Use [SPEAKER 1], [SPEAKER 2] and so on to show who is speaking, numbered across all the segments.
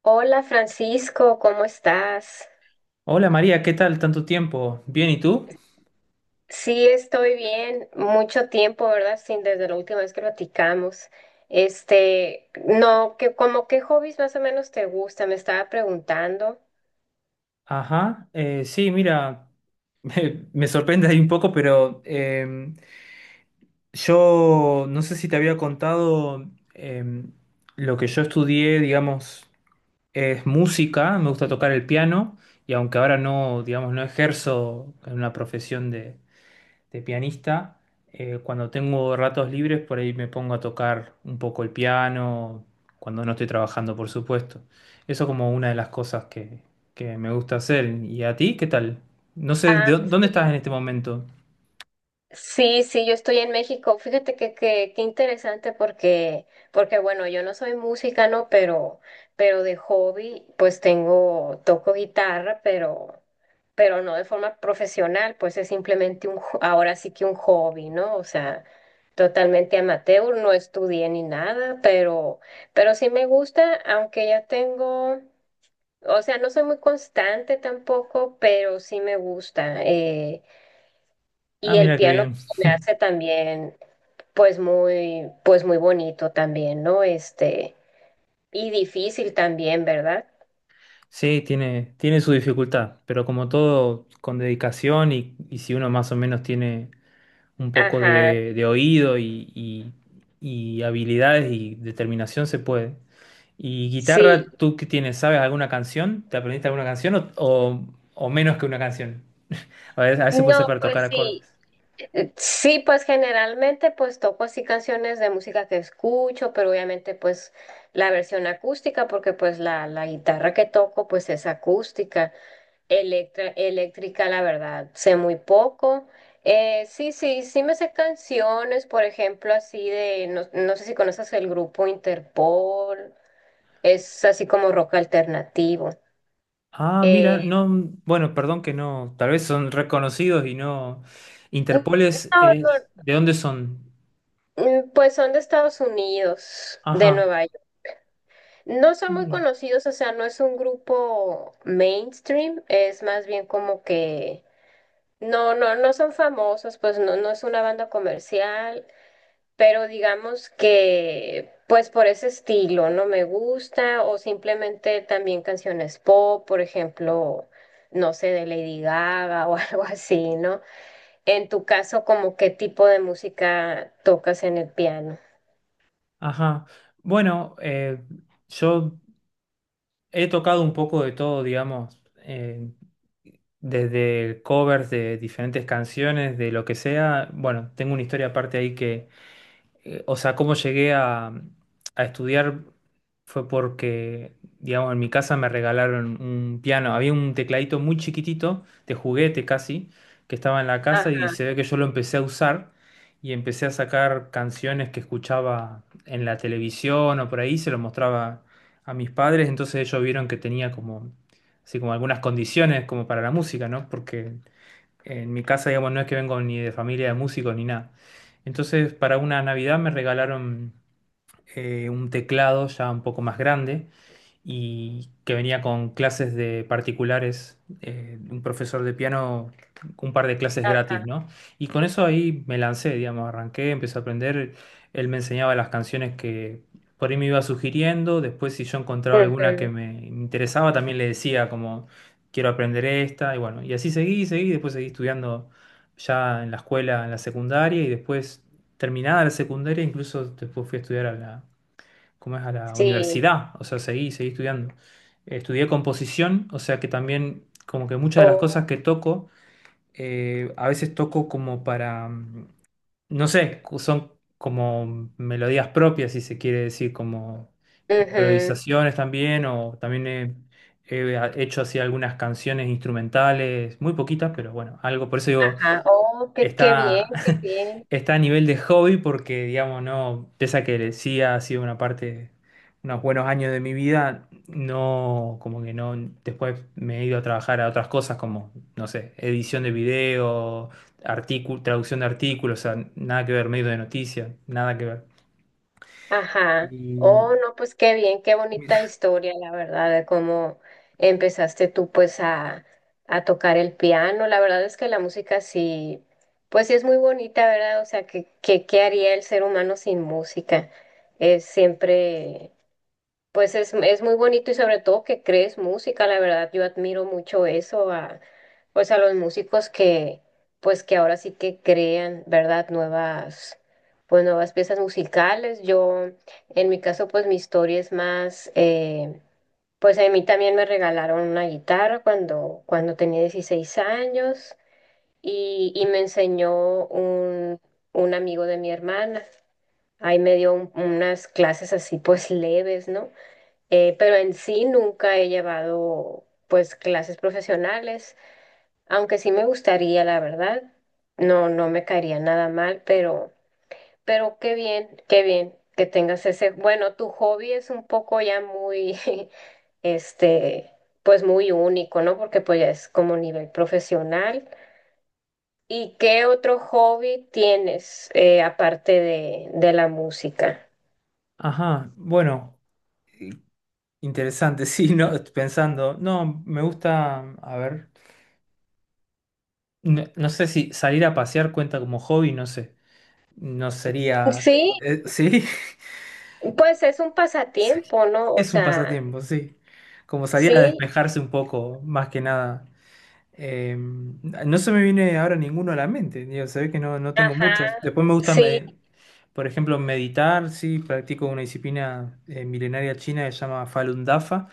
[SPEAKER 1] Hola Francisco, ¿cómo estás?
[SPEAKER 2] Hola María, ¿qué tal? Tanto tiempo. ¿Bien y tú?
[SPEAKER 1] Sí, estoy bien. Mucho tiempo, ¿verdad? Sin desde la última vez que platicamos. No, que como qué hobbies más o menos te gusta, me estaba preguntando.
[SPEAKER 2] Ajá, sí, mira, me sorprende ahí un poco, pero yo no sé si te había contado em, lo que yo estudié, digamos, es música, me gusta tocar el piano y aunque ahora no, digamos, no ejerzo en una profesión de pianista. Cuando tengo ratos libres, por ahí me pongo a tocar un poco el piano, cuando no estoy trabajando, por supuesto. Eso como una de las cosas que, me gusta hacer. ¿Y a ti qué tal? No sé, ¿de
[SPEAKER 1] Ah,
[SPEAKER 2] dónde estás
[SPEAKER 1] sí.
[SPEAKER 2] en este momento?
[SPEAKER 1] Sí, sí, yo estoy en México. Fíjate que qué interesante porque bueno, yo no soy música, ¿no? Pero de hobby, pues tengo, toco guitarra, pero no de forma profesional, pues es simplemente un, ahora sí que un hobby, ¿no? O sea, totalmente amateur, no estudié ni nada, pero sí me gusta, aunque ya tengo, o sea, no soy muy constante tampoco, pero sí me gusta.
[SPEAKER 2] Ah,
[SPEAKER 1] Y el
[SPEAKER 2] mira qué
[SPEAKER 1] piano
[SPEAKER 2] bien.
[SPEAKER 1] pues, se me hace también pues muy bonito también, ¿no? Y difícil también, ¿verdad?
[SPEAKER 2] Sí, tiene su dificultad, pero como todo, con dedicación y si uno más o menos tiene un poco
[SPEAKER 1] Ajá,
[SPEAKER 2] de oído y habilidades y determinación, se puede. ¿Y guitarra,
[SPEAKER 1] sí.
[SPEAKER 2] tú qué tienes? ¿Sabes alguna canción? ¿Te aprendiste alguna canción o menos que una canción? A veces puede ser
[SPEAKER 1] No,
[SPEAKER 2] para tocar
[SPEAKER 1] pues sí,
[SPEAKER 2] acordes.
[SPEAKER 1] sí, pues generalmente pues toco así canciones de música que escucho, pero obviamente pues la versión acústica, porque pues la guitarra que toco pues es acústica. Eléctrica, la verdad, sé muy poco. Sí, sí, sí me sé canciones, por ejemplo, así de, no, no sé si conoces el grupo Interpol, es así como rock alternativo.
[SPEAKER 2] Ah, mira,
[SPEAKER 1] Eh,
[SPEAKER 2] no, bueno, perdón que no, tal vez son reconocidos y no.
[SPEAKER 1] y
[SPEAKER 2] Interpoles
[SPEAKER 1] no, no,
[SPEAKER 2] es, ¿de dónde son?
[SPEAKER 1] pues son de Estados Unidos, de
[SPEAKER 2] Ajá.
[SPEAKER 1] Nueva York. No
[SPEAKER 2] Ah,
[SPEAKER 1] son muy
[SPEAKER 2] mira.
[SPEAKER 1] conocidos, o sea, no es un grupo mainstream, es más bien como que, no, no, no son famosos, pues no, no es una banda comercial. Pero digamos que pues por ese estilo no me gusta o simplemente también canciones pop, por ejemplo, no sé, de Lady Gaga o algo así, ¿no? En tu caso, ¿como qué tipo de música tocas en el piano?
[SPEAKER 2] Ajá. Bueno, yo he tocado un poco de todo, digamos, desde covers de diferentes canciones, de lo que sea. Bueno, tengo una historia aparte ahí o sea, cómo llegué a estudiar fue porque, digamos, en mi casa me regalaron un piano. Había un tecladito muy chiquitito, de juguete casi, que estaba en la casa y
[SPEAKER 1] Ajá,
[SPEAKER 2] se ve que yo lo empecé a usar y empecé a sacar canciones que escuchaba en la televisión o por ahí, se lo mostraba a mis padres, entonces ellos vieron que tenía como, así como algunas condiciones como para la música, ¿no? Porque en mi casa, digamos, no es que vengo ni de familia de músicos ni nada. Entonces, para una Navidad me regalaron un teclado ya un poco más grande y que venía con clases de particulares, un profesor de piano, un par de clases gratis,
[SPEAKER 1] ajá,
[SPEAKER 2] ¿no? Y con eso ahí me lancé, digamos, arranqué, empecé a aprender, él me enseñaba las canciones que por ahí me iba sugiriendo, después si yo encontraba alguna que
[SPEAKER 1] ujú,
[SPEAKER 2] me interesaba, también le decía como, quiero aprender esta, y bueno, y así seguí, seguí, después seguí estudiando ya en la escuela, en la secundaria, y después terminada la secundaria, incluso después fui a estudiar a la ¿cómo es? A la
[SPEAKER 1] sí,
[SPEAKER 2] universidad, o sea, seguí, seguí estudiando. Estudié composición, o sea que también como que muchas de las cosas
[SPEAKER 1] o,
[SPEAKER 2] que toco, a veces toco como para, no sé, son como melodías propias, si se quiere decir, como
[SPEAKER 1] ujú,
[SPEAKER 2] improvisaciones también, o también he hecho así algunas canciones instrumentales, muy poquitas, pero bueno, algo, por eso digo,
[SPEAKER 1] ajá, oh, qué, qué bien,
[SPEAKER 2] está,
[SPEAKER 1] qué bien.
[SPEAKER 2] está a nivel de hobby porque, digamos, no, pese a que sí ha sido una parte, unos buenos años de mi vida, no, como que no, después me he ido a trabajar a otras cosas como, no sé, edición de video, artículo, traducción de artículos, o sea, nada que ver, medio de noticias, nada que ver.
[SPEAKER 1] Ajá.
[SPEAKER 2] Y,
[SPEAKER 1] Oh, no, pues qué bien, qué bonita historia, la verdad, de cómo empezaste tú pues a tocar el piano. La verdad es que la música sí, pues sí es muy bonita, ¿verdad? O sea, ¿qué haría el ser humano sin música? Es siempre... Pues es muy bonito y sobre todo que crees música, la verdad yo admiro mucho eso a pues a los músicos que pues que ahora sí que crean, ¿verdad? Nuevas pues nuevas piezas musicales. Yo en mi caso pues mi historia es más pues a mí también me regalaron una guitarra cuando tenía 16 años y me enseñó un amigo de mi hermana. Ahí me dio unas clases así pues leves, ¿no? Pero en sí nunca he llevado pues clases profesionales, aunque sí me gustaría, la verdad. No, no me caería nada mal, pero qué bien que tengas ese. Bueno, tu hobby es un poco ya muy, este, pues muy único, ¿no? Porque pues ya es como nivel profesional. ¿Y qué otro hobby tienes aparte de la música?
[SPEAKER 2] ajá, bueno, eh, interesante, sí, no, pensando, no, me gusta, a ver, no, no sé si salir a pasear cuenta como hobby, no sé. No sería...
[SPEAKER 1] Sí,
[SPEAKER 2] sí,
[SPEAKER 1] pues es un pasatiempo, ¿no? O
[SPEAKER 2] es un
[SPEAKER 1] sea,
[SPEAKER 2] pasatiempo, sí. Como salir a
[SPEAKER 1] sí.
[SPEAKER 2] despejarse un poco, más que nada. No se me viene ahora ninguno a la mente. Digo, se ve que no, no tengo muchos.
[SPEAKER 1] Ajá,
[SPEAKER 2] Después me gusta,
[SPEAKER 1] sí,
[SPEAKER 2] por ejemplo, meditar, sí. Practico una disciplina milenaria china que se llama Falun Dafa.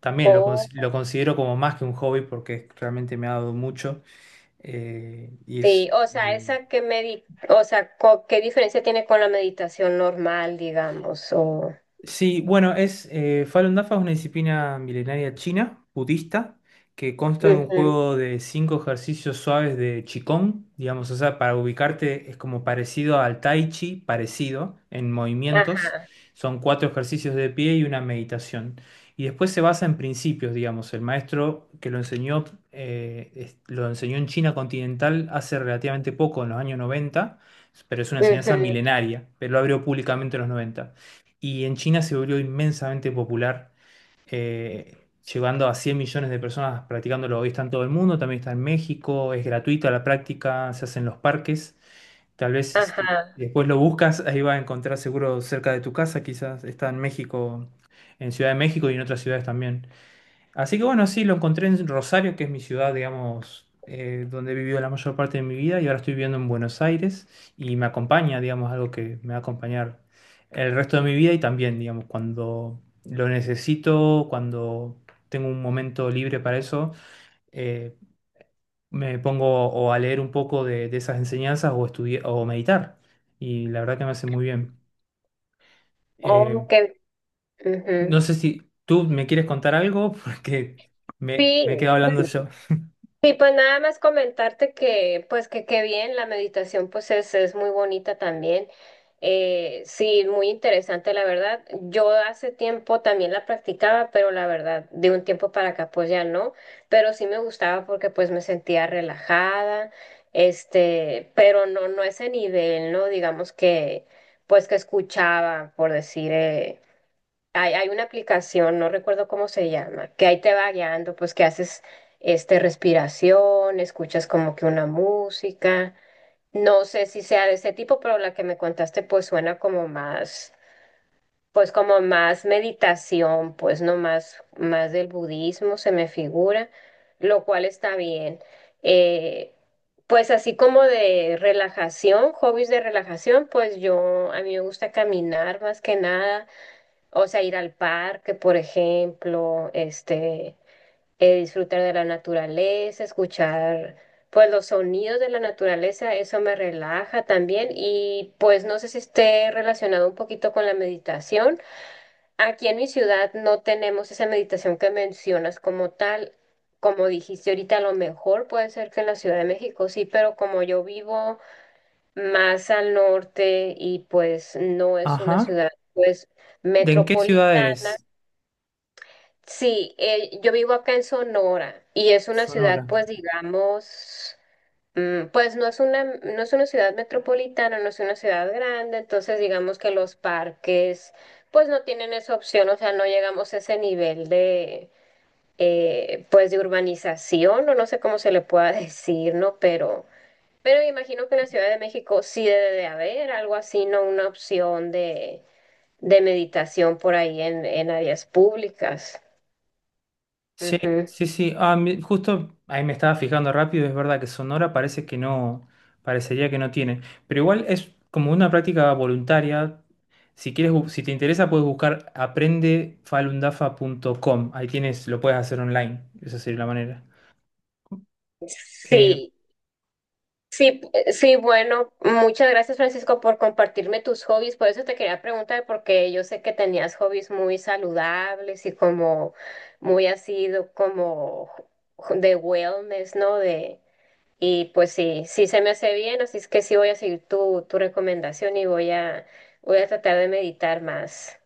[SPEAKER 2] También
[SPEAKER 1] o,
[SPEAKER 2] lo considero como más que un hobby porque realmente me ha dado mucho. Y es...
[SPEAKER 1] sí, o sea, esa que medi, o sea, co- ¿qué diferencia tiene con la meditación normal, digamos? O,
[SPEAKER 2] Sí, bueno, es Falun Dafa es una disciplina milenaria china, budista, que consta de un
[SPEAKER 1] ujú,
[SPEAKER 2] juego de cinco ejercicios suaves de Qigong, digamos, o sea, para ubicarte es como parecido al Tai Chi, parecido en movimientos.
[SPEAKER 1] ajá,
[SPEAKER 2] Son cuatro ejercicios de pie y una meditación. Y después se basa en principios, digamos. El maestro que lo enseñó, lo enseñó en China continental hace relativamente poco, en los años 90, pero es una enseñanza
[SPEAKER 1] ujú,
[SPEAKER 2] milenaria, pero lo abrió públicamente en los 90 y en China se volvió inmensamente popular, eh, llegando a 100 millones de personas practicándolo. Hoy está en todo el mundo, también está en México, es gratuita la práctica, se hace en los parques. Tal vez este,
[SPEAKER 1] ajá,
[SPEAKER 2] después lo buscas, ahí vas a encontrar seguro cerca de tu casa, quizás está en México, en Ciudad de México y en otras ciudades también. Así que bueno, sí, lo encontré en Rosario, que es mi ciudad, digamos, donde he vivido la mayor parte de mi vida, y ahora estoy viviendo en Buenos Aires y me acompaña, digamos, algo que me va a acompañar el resto de mi vida y también, digamos, cuando lo necesito, cuando tengo un momento libre para eso, eh, me pongo o a leer un poco de esas enseñanzas o estudiar o meditar. Y la verdad que me hace muy bien. Eh,
[SPEAKER 1] o que, ujú.
[SPEAKER 2] no sé si tú me quieres contar algo, porque
[SPEAKER 1] Sí,
[SPEAKER 2] me quedo hablando yo.
[SPEAKER 1] y pues nada más comentarte que, pues que qué bien, la meditación pues es muy bonita también. Sí, muy interesante, la verdad. Yo hace tiempo también la practicaba, pero la verdad, de un tiempo para acá pues ya no, pero sí me gustaba porque pues me sentía relajada, pero no, no ese nivel, ¿no? Digamos que, pues que escuchaba, por decir, hay una aplicación, no recuerdo cómo se llama, que ahí te va guiando, pues que haces este respiración, escuchas como que una música. No sé si sea de ese tipo, pero la que me contaste pues suena como más, pues como más meditación, pues no más, más del budismo se me figura, lo cual está bien. Eh, pues así como de relajación, hobbies de relajación, pues yo, a mí me gusta caminar más que nada. O sea, ir al parque, por ejemplo, disfrutar de la naturaleza, escuchar pues los sonidos de la naturaleza, eso me relaja también y pues no sé si esté relacionado un poquito con la meditación. Aquí en mi ciudad no tenemos esa meditación que mencionas como tal. Como dijiste ahorita, a lo mejor puede ser que en la Ciudad de México sí, pero como yo vivo más al norte y pues no es una
[SPEAKER 2] Ajá.
[SPEAKER 1] ciudad pues
[SPEAKER 2] ¿De en qué ciudad
[SPEAKER 1] metropolitana,
[SPEAKER 2] eres?
[SPEAKER 1] sí, yo vivo acá en Sonora y es una ciudad,
[SPEAKER 2] Sonora.
[SPEAKER 1] pues digamos, pues no es una, no es una ciudad metropolitana, no es una ciudad grande, entonces digamos que los parques, pues no tienen esa opción, o sea, no llegamos a ese nivel de, pues de urbanización, o no sé cómo se le pueda decir, ¿no? Pero imagino que en la Ciudad de México sí debe de haber algo así, ¿no? Una opción de meditación por ahí en áreas públicas.
[SPEAKER 2] Sí,
[SPEAKER 1] Ujú.
[SPEAKER 2] sí, sí. Ah, justo ahí me estaba fijando rápido, es verdad que Sonora parece que no, parecería que no tiene. Pero igual es como una práctica voluntaria. Si quieres, si te interesa, puedes buscar aprendefalundafa.com. Ahí tienes, lo puedes hacer online. Esa sería la manera. Eh,
[SPEAKER 1] Sí, sí, sí, bueno, muchas gracias Francisco por compartirme tus hobbies. Por eso te quería preguntar, porque yo sé que tenías hobbies muy saludables y como muy así como de wellness, ¿no? De, y pues sí, sí se me hace bien, así es que sí voy a seguir tu, tu recomendación y voy a, voy a tratar de meditar más.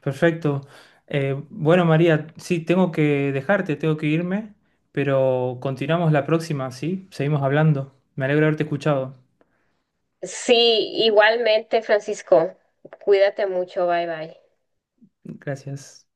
[SPEAKER 2] perfecto. Bueno, María, sí, tengo que dejarte, tengo que irme, pero continuamos la próxima, ¿sí? Seguimos hablando. Me alegro de haberte escuchado.
[SPEAKER 1] Sí, igualmente Francisco, cuídate mucho, bye bye.
[SPEAKER 2] Gracias.